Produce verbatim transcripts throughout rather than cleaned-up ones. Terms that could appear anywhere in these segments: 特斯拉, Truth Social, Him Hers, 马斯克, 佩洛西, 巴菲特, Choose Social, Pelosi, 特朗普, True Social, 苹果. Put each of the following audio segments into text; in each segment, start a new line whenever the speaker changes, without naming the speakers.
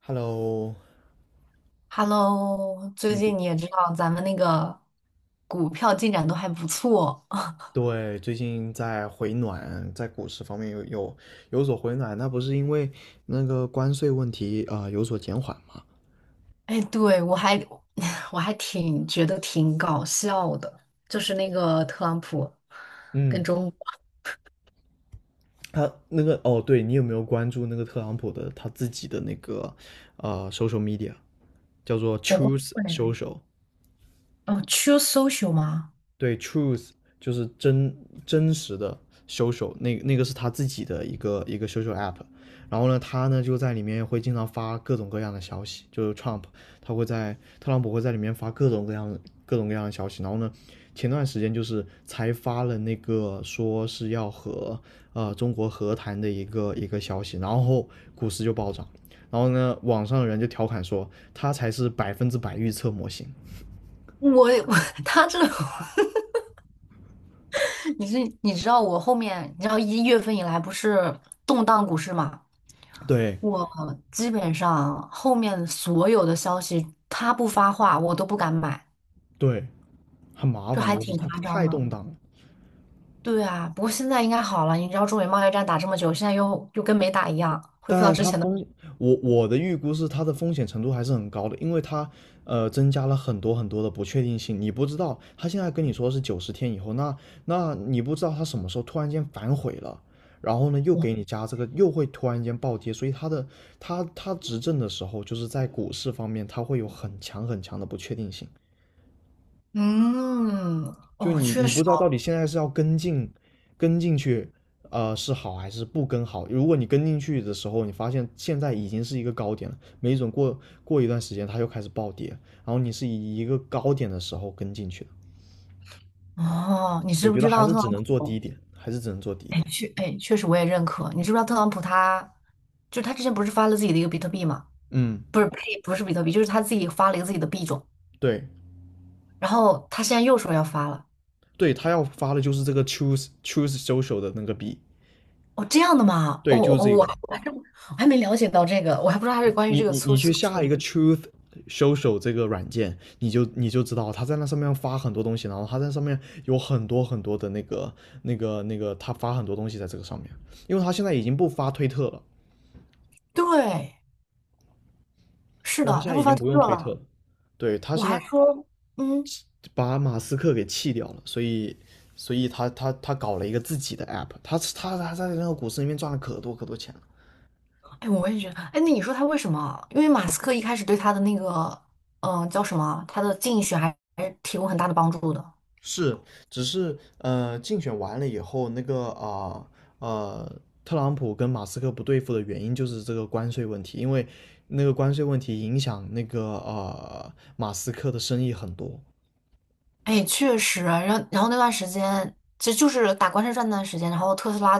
Hello，
Hello，最
嗯，
近你也知道咱们那个股票进展都还不错。
对，最近在回暖，在股市方面有有有所回暖，那不是因为那个关税问题啊、呃有所减缓吗？
哎，对，我还 我还挺觉得挺搞笑的，就是那个特朗普跟
嗯，
中国，
他那个哦，对你有没有关注那个特朗普的他自己的那个呃 social media，叫做
我光
Choose
棍人，
Social？
哦，True Social 吗？
对，truth 就是真真实的 social，那那个是他自己的一个一个 social app。然后呢，他呢就在里面会经常发各种各样的消息，就是 Trump，他会在特朗普会在里面发各种各样的各种各样的消息。然后呢，前段时间就是才发了那个说是要和呃中国和谈的一个一个消息，然后股市就暴涨。然后呢，网上的人就调侃说他才是百分之百预测模型。
我也我 他这，你是你知道我后面，你知道一月份以来不是动荡股市嘛？
对
我基本上后面所有的消息他不发话，我都不敢买。
对，很麻
这
烦，
还
就是
挺
它它
夸
太
张的。
动荡了。
对啊，不过现在应该好了。你知道中美贸易战打这么久，现在又又跟没打一样，恢复到
但
之
它
前的。
风险我我的预估是它的风险程度还是很高的，因为它呃增加了很多很多的不确定性。你不知道它现在跟你说是九十天以后，那那你不知道它什么时候突然间反悔了，然后呢又给你加这个，又会突然间暴跌。所以它的它它执政的时候，就是在股市方面，它会有很强很强的不确定性。
嗯，
就
哦，
你
确
你不
实
知道到底现在是要跟进跟进去，呃，是好还是不跟好？如果你跟进去的时候，你发现现在已经是一个高点了，没准过过一段时间它又开始暴跌，然后你是以一个高点的时候跟进去的，
哦，哦你
我
知不
觉得
知
还
道
是
特朗
只能做
普？
低点，还是只能做低
哎，
点。
确，哎，确实我也认可。你知不知道特朗普他，就他之前不是发了自己的一个比特币吗？
嗯，
不是，呸，不是比特币，就是他自己发了一个自己的币种，
对
然后他现在又说要发了。
对，他要发的就是这个 choose choose social 的那个币，
哦，这样的吗？哦
对，就是
哦，
这
我
个。
还我还没了解到这个，我还不知道他是关于
你
这个
你
粗
你
俗
去
这
下一个
个。
Truth Social 这个软件，你就你就知道他在那上面发很多东西，然后他在上面有很多很多的那个那个那个，他发很多东西在这个上面，因为他现在已经不发推特了，
对，是
对，
的，
他现
他
在
不
已
发
经
推
不用
特
推特
了，
了，对，他
我
现
还
在
说，嗯。
把马斯克给弃掉了，所以所以他他他搞了一个自己的 app，他他他在那个股市里面赚了可多可多钱了。
哎，我也觉得，哎，那你说他为什么？因为马斯克一开始对他的那个，嗯、叫什么？他的竞选还还是提供很大的帮助的。
是，只是呃，竞选完了以后，那个啊呃特朗普跟马斯克不对付的原因就是这个关税问题，因为那个关税问题影响那个呃马斯克的生意很多。
哎，确实，然后然后那段时间，其实就是打关税战那段时间，然后特斯拉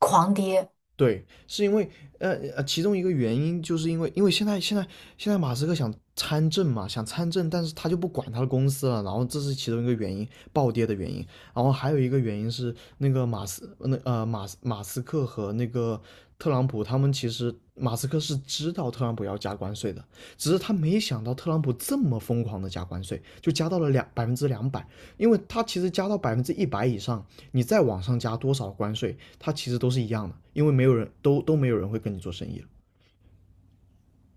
狂跌。
对，是因为呃呃，其中一个原因就是因为因为现在现在现在马斯克想参政嘛，想参政，但是他就不管他的公司了，然后这是其中一个原因，暴跌的原因。然后还有一个原因是那个马斯那呃马斯马斯克和那个特朗普他们其实马斯克是知道特朗普要加关税的，只是他没想到特朗普这么疯狂的加关税，就加到了两百分之两百，因为它其实加到百分之一百以上，你再往上加多少关税，它其实都是一样的，因为没有人都都没有人会跟你做生意了。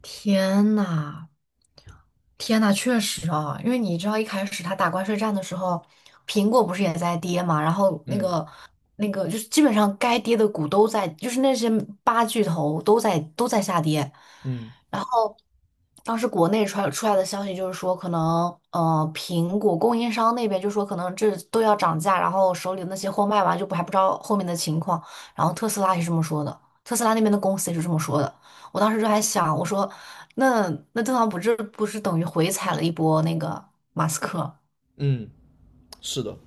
天呐，天呐，确实啊，因为你知道一开始他打关税战的时候，苹果不是也在跌嘛，然后那
嗯
个那个就是基本上该跌的股都在，就是那些八巨头都在都在下跌。
嗯
然后。当时国内传出来的消息就是说，可能呃，苹果供应商那边就说可能这都要涨价，然后手里的那些货卖完就不还不知道后面的情况。然后特斯拉也是这么说的，特斯拉那边的公司也是这么说的。我当时就还想，我说那那特朗普这不是等于回踩了一波那个马斯克？
嗯，是的，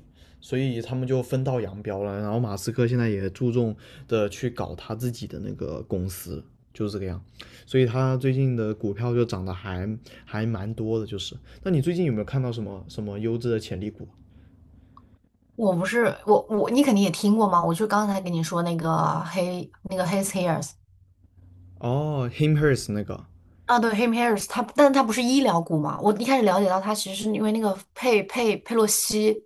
所以他们就分道扬镳了。然后马斯克现在也注重的去搞他自己的那个公司，就是这个样。所以他最近的股票就涨得还还蛮多的，就是。那你最近有没有看到什么什么优质的潜力股？
我不是我我你肯定也听过嘛，我就刚才跟你说那个黑那个 His Hears。
哦，Him Hers 那个，
啊，对 h i m h a r r s 他，但他不是医疗股嘛？我一开始了解到他其实是因为那个佩佩佩洛西，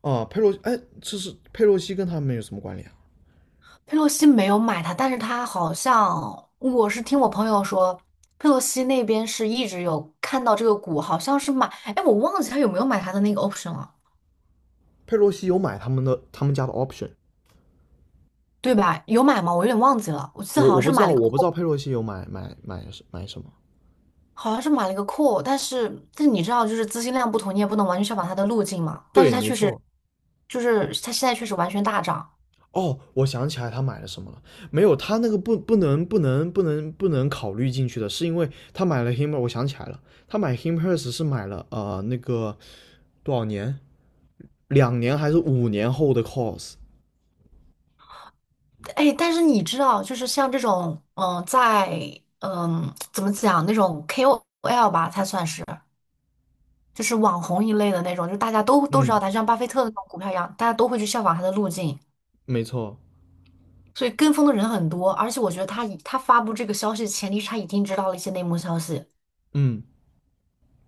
哦，佩洛，哎，这是佩洛西跟他们有什么关联啊？
佩洛西没有买它，但是他好像我是听我朋友说，佩洛西那边是一直有看到这个股，好像是买，哎，我忘记他有没有买他的那个 option 了，
佩洛西有买他们的他们家的 option，
对吧？有买吗？我有点忘记了，我记得
我
好
我
像
不
是
知
买
道，
了一个
我不知
call，
道佩洛西有买买买买什么。
好像是买了一个 call，但是但是你知道，就是资金量不同，你也不能完全效仿它的路径嘛。但是
对，
它
没
确实，
错。
就是它现在确实完全大涨。
哦，我想起来他买了什么了。没有，他那个不不能不能不能不能考虑进去的，是因为他买了 him。我想起来了，他买 h i m h e r s 是买了呃那个多少年，两年还是五年后的 course。
哎，但是你知道，就是像这种，嗯、在嗯、怎么讲那种 K O L 吧，它算是就是网红一类的那种，就是大家都都知道
嗯，
他，就像巴菲特的那种股票一样，大家都会去效仿他的路径，
没错，
所以跟风的人很多。而且我觉得他以他发布这个消息的前提是他已经知道了一些内幕消息，
嗯，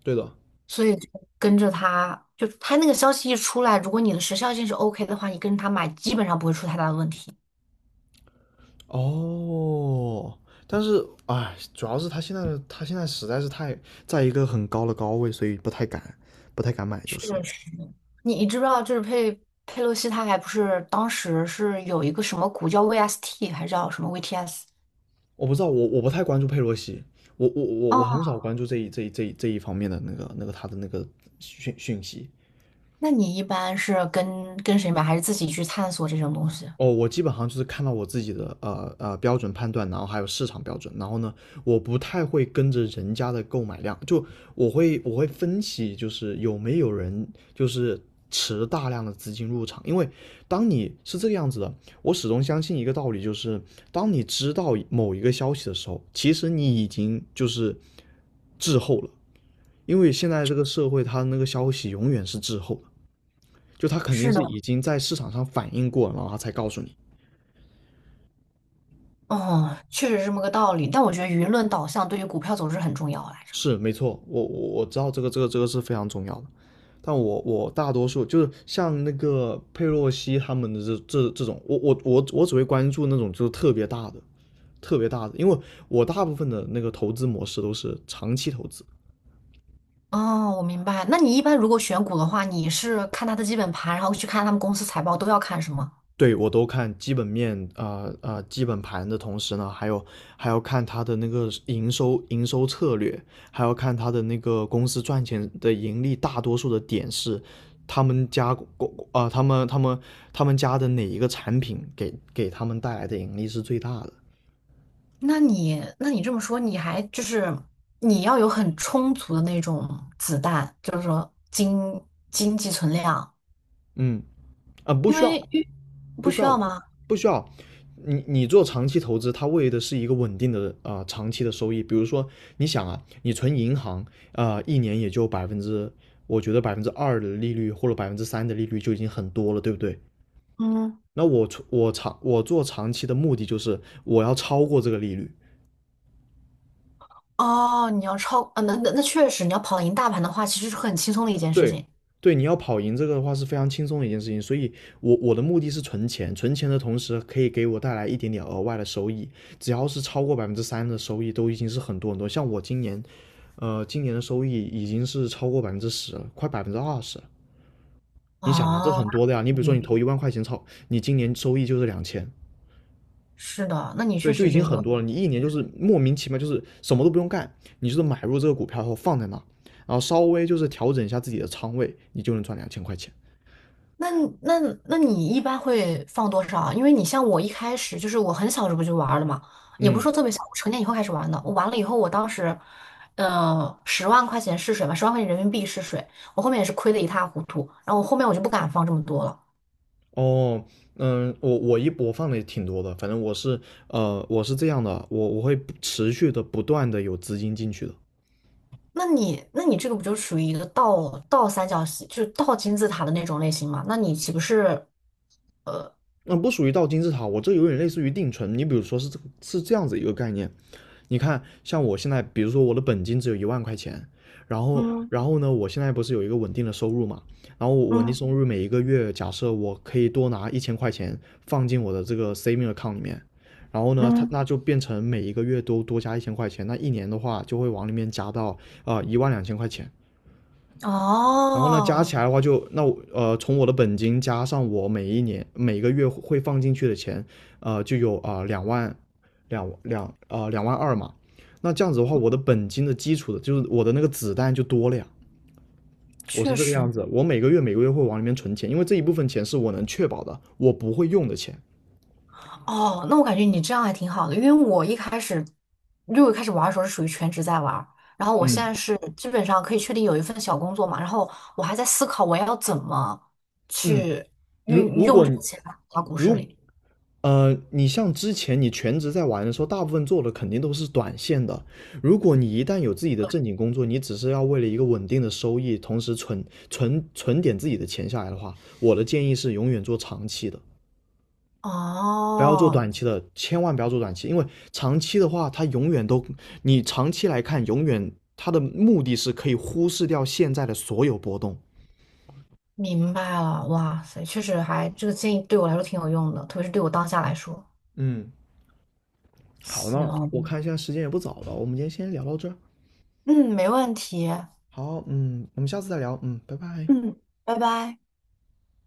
对的。
所以就跟着他，就他那个消息一出来，如果你的时效性是 OK 的话，你跟着他买基本上不会出太大的问题。
哦，但是哎，主要是他现在的他现在实在是太在一个很高的高位，所以不太敢不太敢买就
确
是了。
你你知不知道，就是佩佩洛西，他还不是当时是有一个什么股叫 V S T，还是叫什么 V T S？
我不知道，我我不太关注佩洛西，我我我我很
哦，
少关注这一这一这一这一方面的那个那个他的那个讯讯息。
那你一般是跟跟谁买，还是自己去探索这种东西？
哦，我基本上就是看到我自己的呃呃标准判断，然后还有市场标准，然后呢，我不太会跟着人家的购买量，就我会我会分析，就是有没有人就是持大量的资金入场，因为当你是这个样子的，我始终相信一个道理，就是当你知道某一个消息的时候，其实你已经就是滞后了，因为现在这个社会它那个消息永远是滞后的，就它肯定
是
是
的，
已经在市场上反应过了，然后它才告诉你。
哦，确实是这么个道理。但我觉得舆论导向对于股票走势很重要来着。
是没错，我我我知道这个这个这个是非常重要的，但我我大多数就是像那个佩洛西他们的这这这种，我我我我只会关注那种就是特别大的特别大的，因为我大部分的那个投资模式都是长期投资，
哦，我明白。那你一般如果选股的话，你是看它的基本盘，然后去看他们公司财报，都要看什么？
对我都看基本面啊啊、呃呃、基本盘的同时呢，还有还要看它的那个营收营收策略，还要看它的那个公司赚钱的盈利，大多数的点是他们家公啊、呃、他们他们他们家的哪一个产品给给他们带来的盈利是最大的，
那你那你这么说，你还就是你要有很充足的那种子弹，就是说经经济存量，
嗯啊呃不
因
需
为
要
遇
不
不
需
需要
要，
吗？
不需要。你你做长期投资，它为的是一个稳定的啊、呃长期的收益。比如说，你想啊，你存银行啊、呃一年也就百分之，我觉得百分之二的利率或者百分之三的利率就已经很多了，对不对？
嗯，
那我存我长我做长期的目的就是我要超过这个利率，
哦，你要超，啊，那那那确实，你要跑赢大盘的话，其实是很轻松的一一件事
对，
情。
对，你要跑赢这个的话是非常轻松的一件事情，所以我我的目的是存钱，存钱的同时可以给我带来一点点额外的收益，只要是超过百分之三的收益都已经是很多很多。像我今年，呃，今年的收益已经是超过百分之十了，快百分之二十了。你想嘛，这
哦，
很多的呀。
那
你比
肯
如说你
定
投一万块钱炒，你今年收益就是两千，
是的，那你
对，
确
就
实
已经
这
很
个。
多了。你一年就是莫名其妙，就是什么都不用干，你就是买入这个股票后放在那，然后稍微就是调整一下自己的仓位，你就能赚两千块钱。
那那那你一般会放多少啊？因为你像我一开始就是我很小时候就玩了嘛，也不是
嗯，
说特别小，我成年以后开始玩的。我玩了以后，我当时，呃，十万块钱试水嘛，十万块钱人民币试水，我后面也是亏的一塌糊涂。然后我后面我就不敢放这么多了。
哦，嗯，我我一播放的也挺多的，反正我是呃我是这样的，我我会不持续的不断的有资金进去的，
那你那你这个不就属于一个倒倒三角形，就是倒金字塔的那种类型嘛？那你岂不是，
那、不属于到金字塔，我这有点类似于定存，你比如说是这个是这样子一个概念，你看，像我现在，比如说我的本金只有一万块钱，然后，
嗯
然后呢，我现在不是有一个稳定的收入嘛？然后我稳定
嗯
收入每一个月，假设我可以多拿一千块钱放进我的这个 saving account 里面，然后呢，它
嗯，
那就变成每一个月都多加一千块钱，那一年的话就会往里面加到啊一万两千块钱。然后呢，加
哦，
起来的话就那我呃，从我的本金加上我每一年每个月会放进去的钱，呃，就有啊呃两、万两两呃两万二嘛。那这样子的话，我的本金的基础的就是我的那个子弹就多了呀。我
确
是这个
实。
样子，我每个月每个月会往里面存钱，因为这一部分钱是我能确保的，我不会用的钱。
哦，那我感觉你这样还挺好的，因为我一开始，因为我一开始玩儿的时候是属于全职在玩儿然后我现
嗯，
在是基本上可以确定有一份小工作嘛，然后我还在思考我要怎么
嗯，
去
如
运
如
用
果
这个钱到股市
如
里。
呃，你像之前你全职在玩的时候，大部分做的肯定都是短线的。如果你一旦有自己的正经工作，你只是要为了一个稳定的收益，同时存存存点自己的钱下来的话，我的建议是永远做长期的，不要做哦
哦，
短期的，千万不要做短期，因为长期的话，它永远都，你长期来看，永远它的目的是可以忽视掉现在的所有波动。
明白了，哇塞，确实还这个建议对我来说挺有用的，特别是对我当下来说。
嗯，好，那我
行，
看现在时间也不早了，我们今天先聊到这儿。
嗯，没问题，
好，嗯，我们下次再聊，嗯，拜拜。
嗯，拜拜。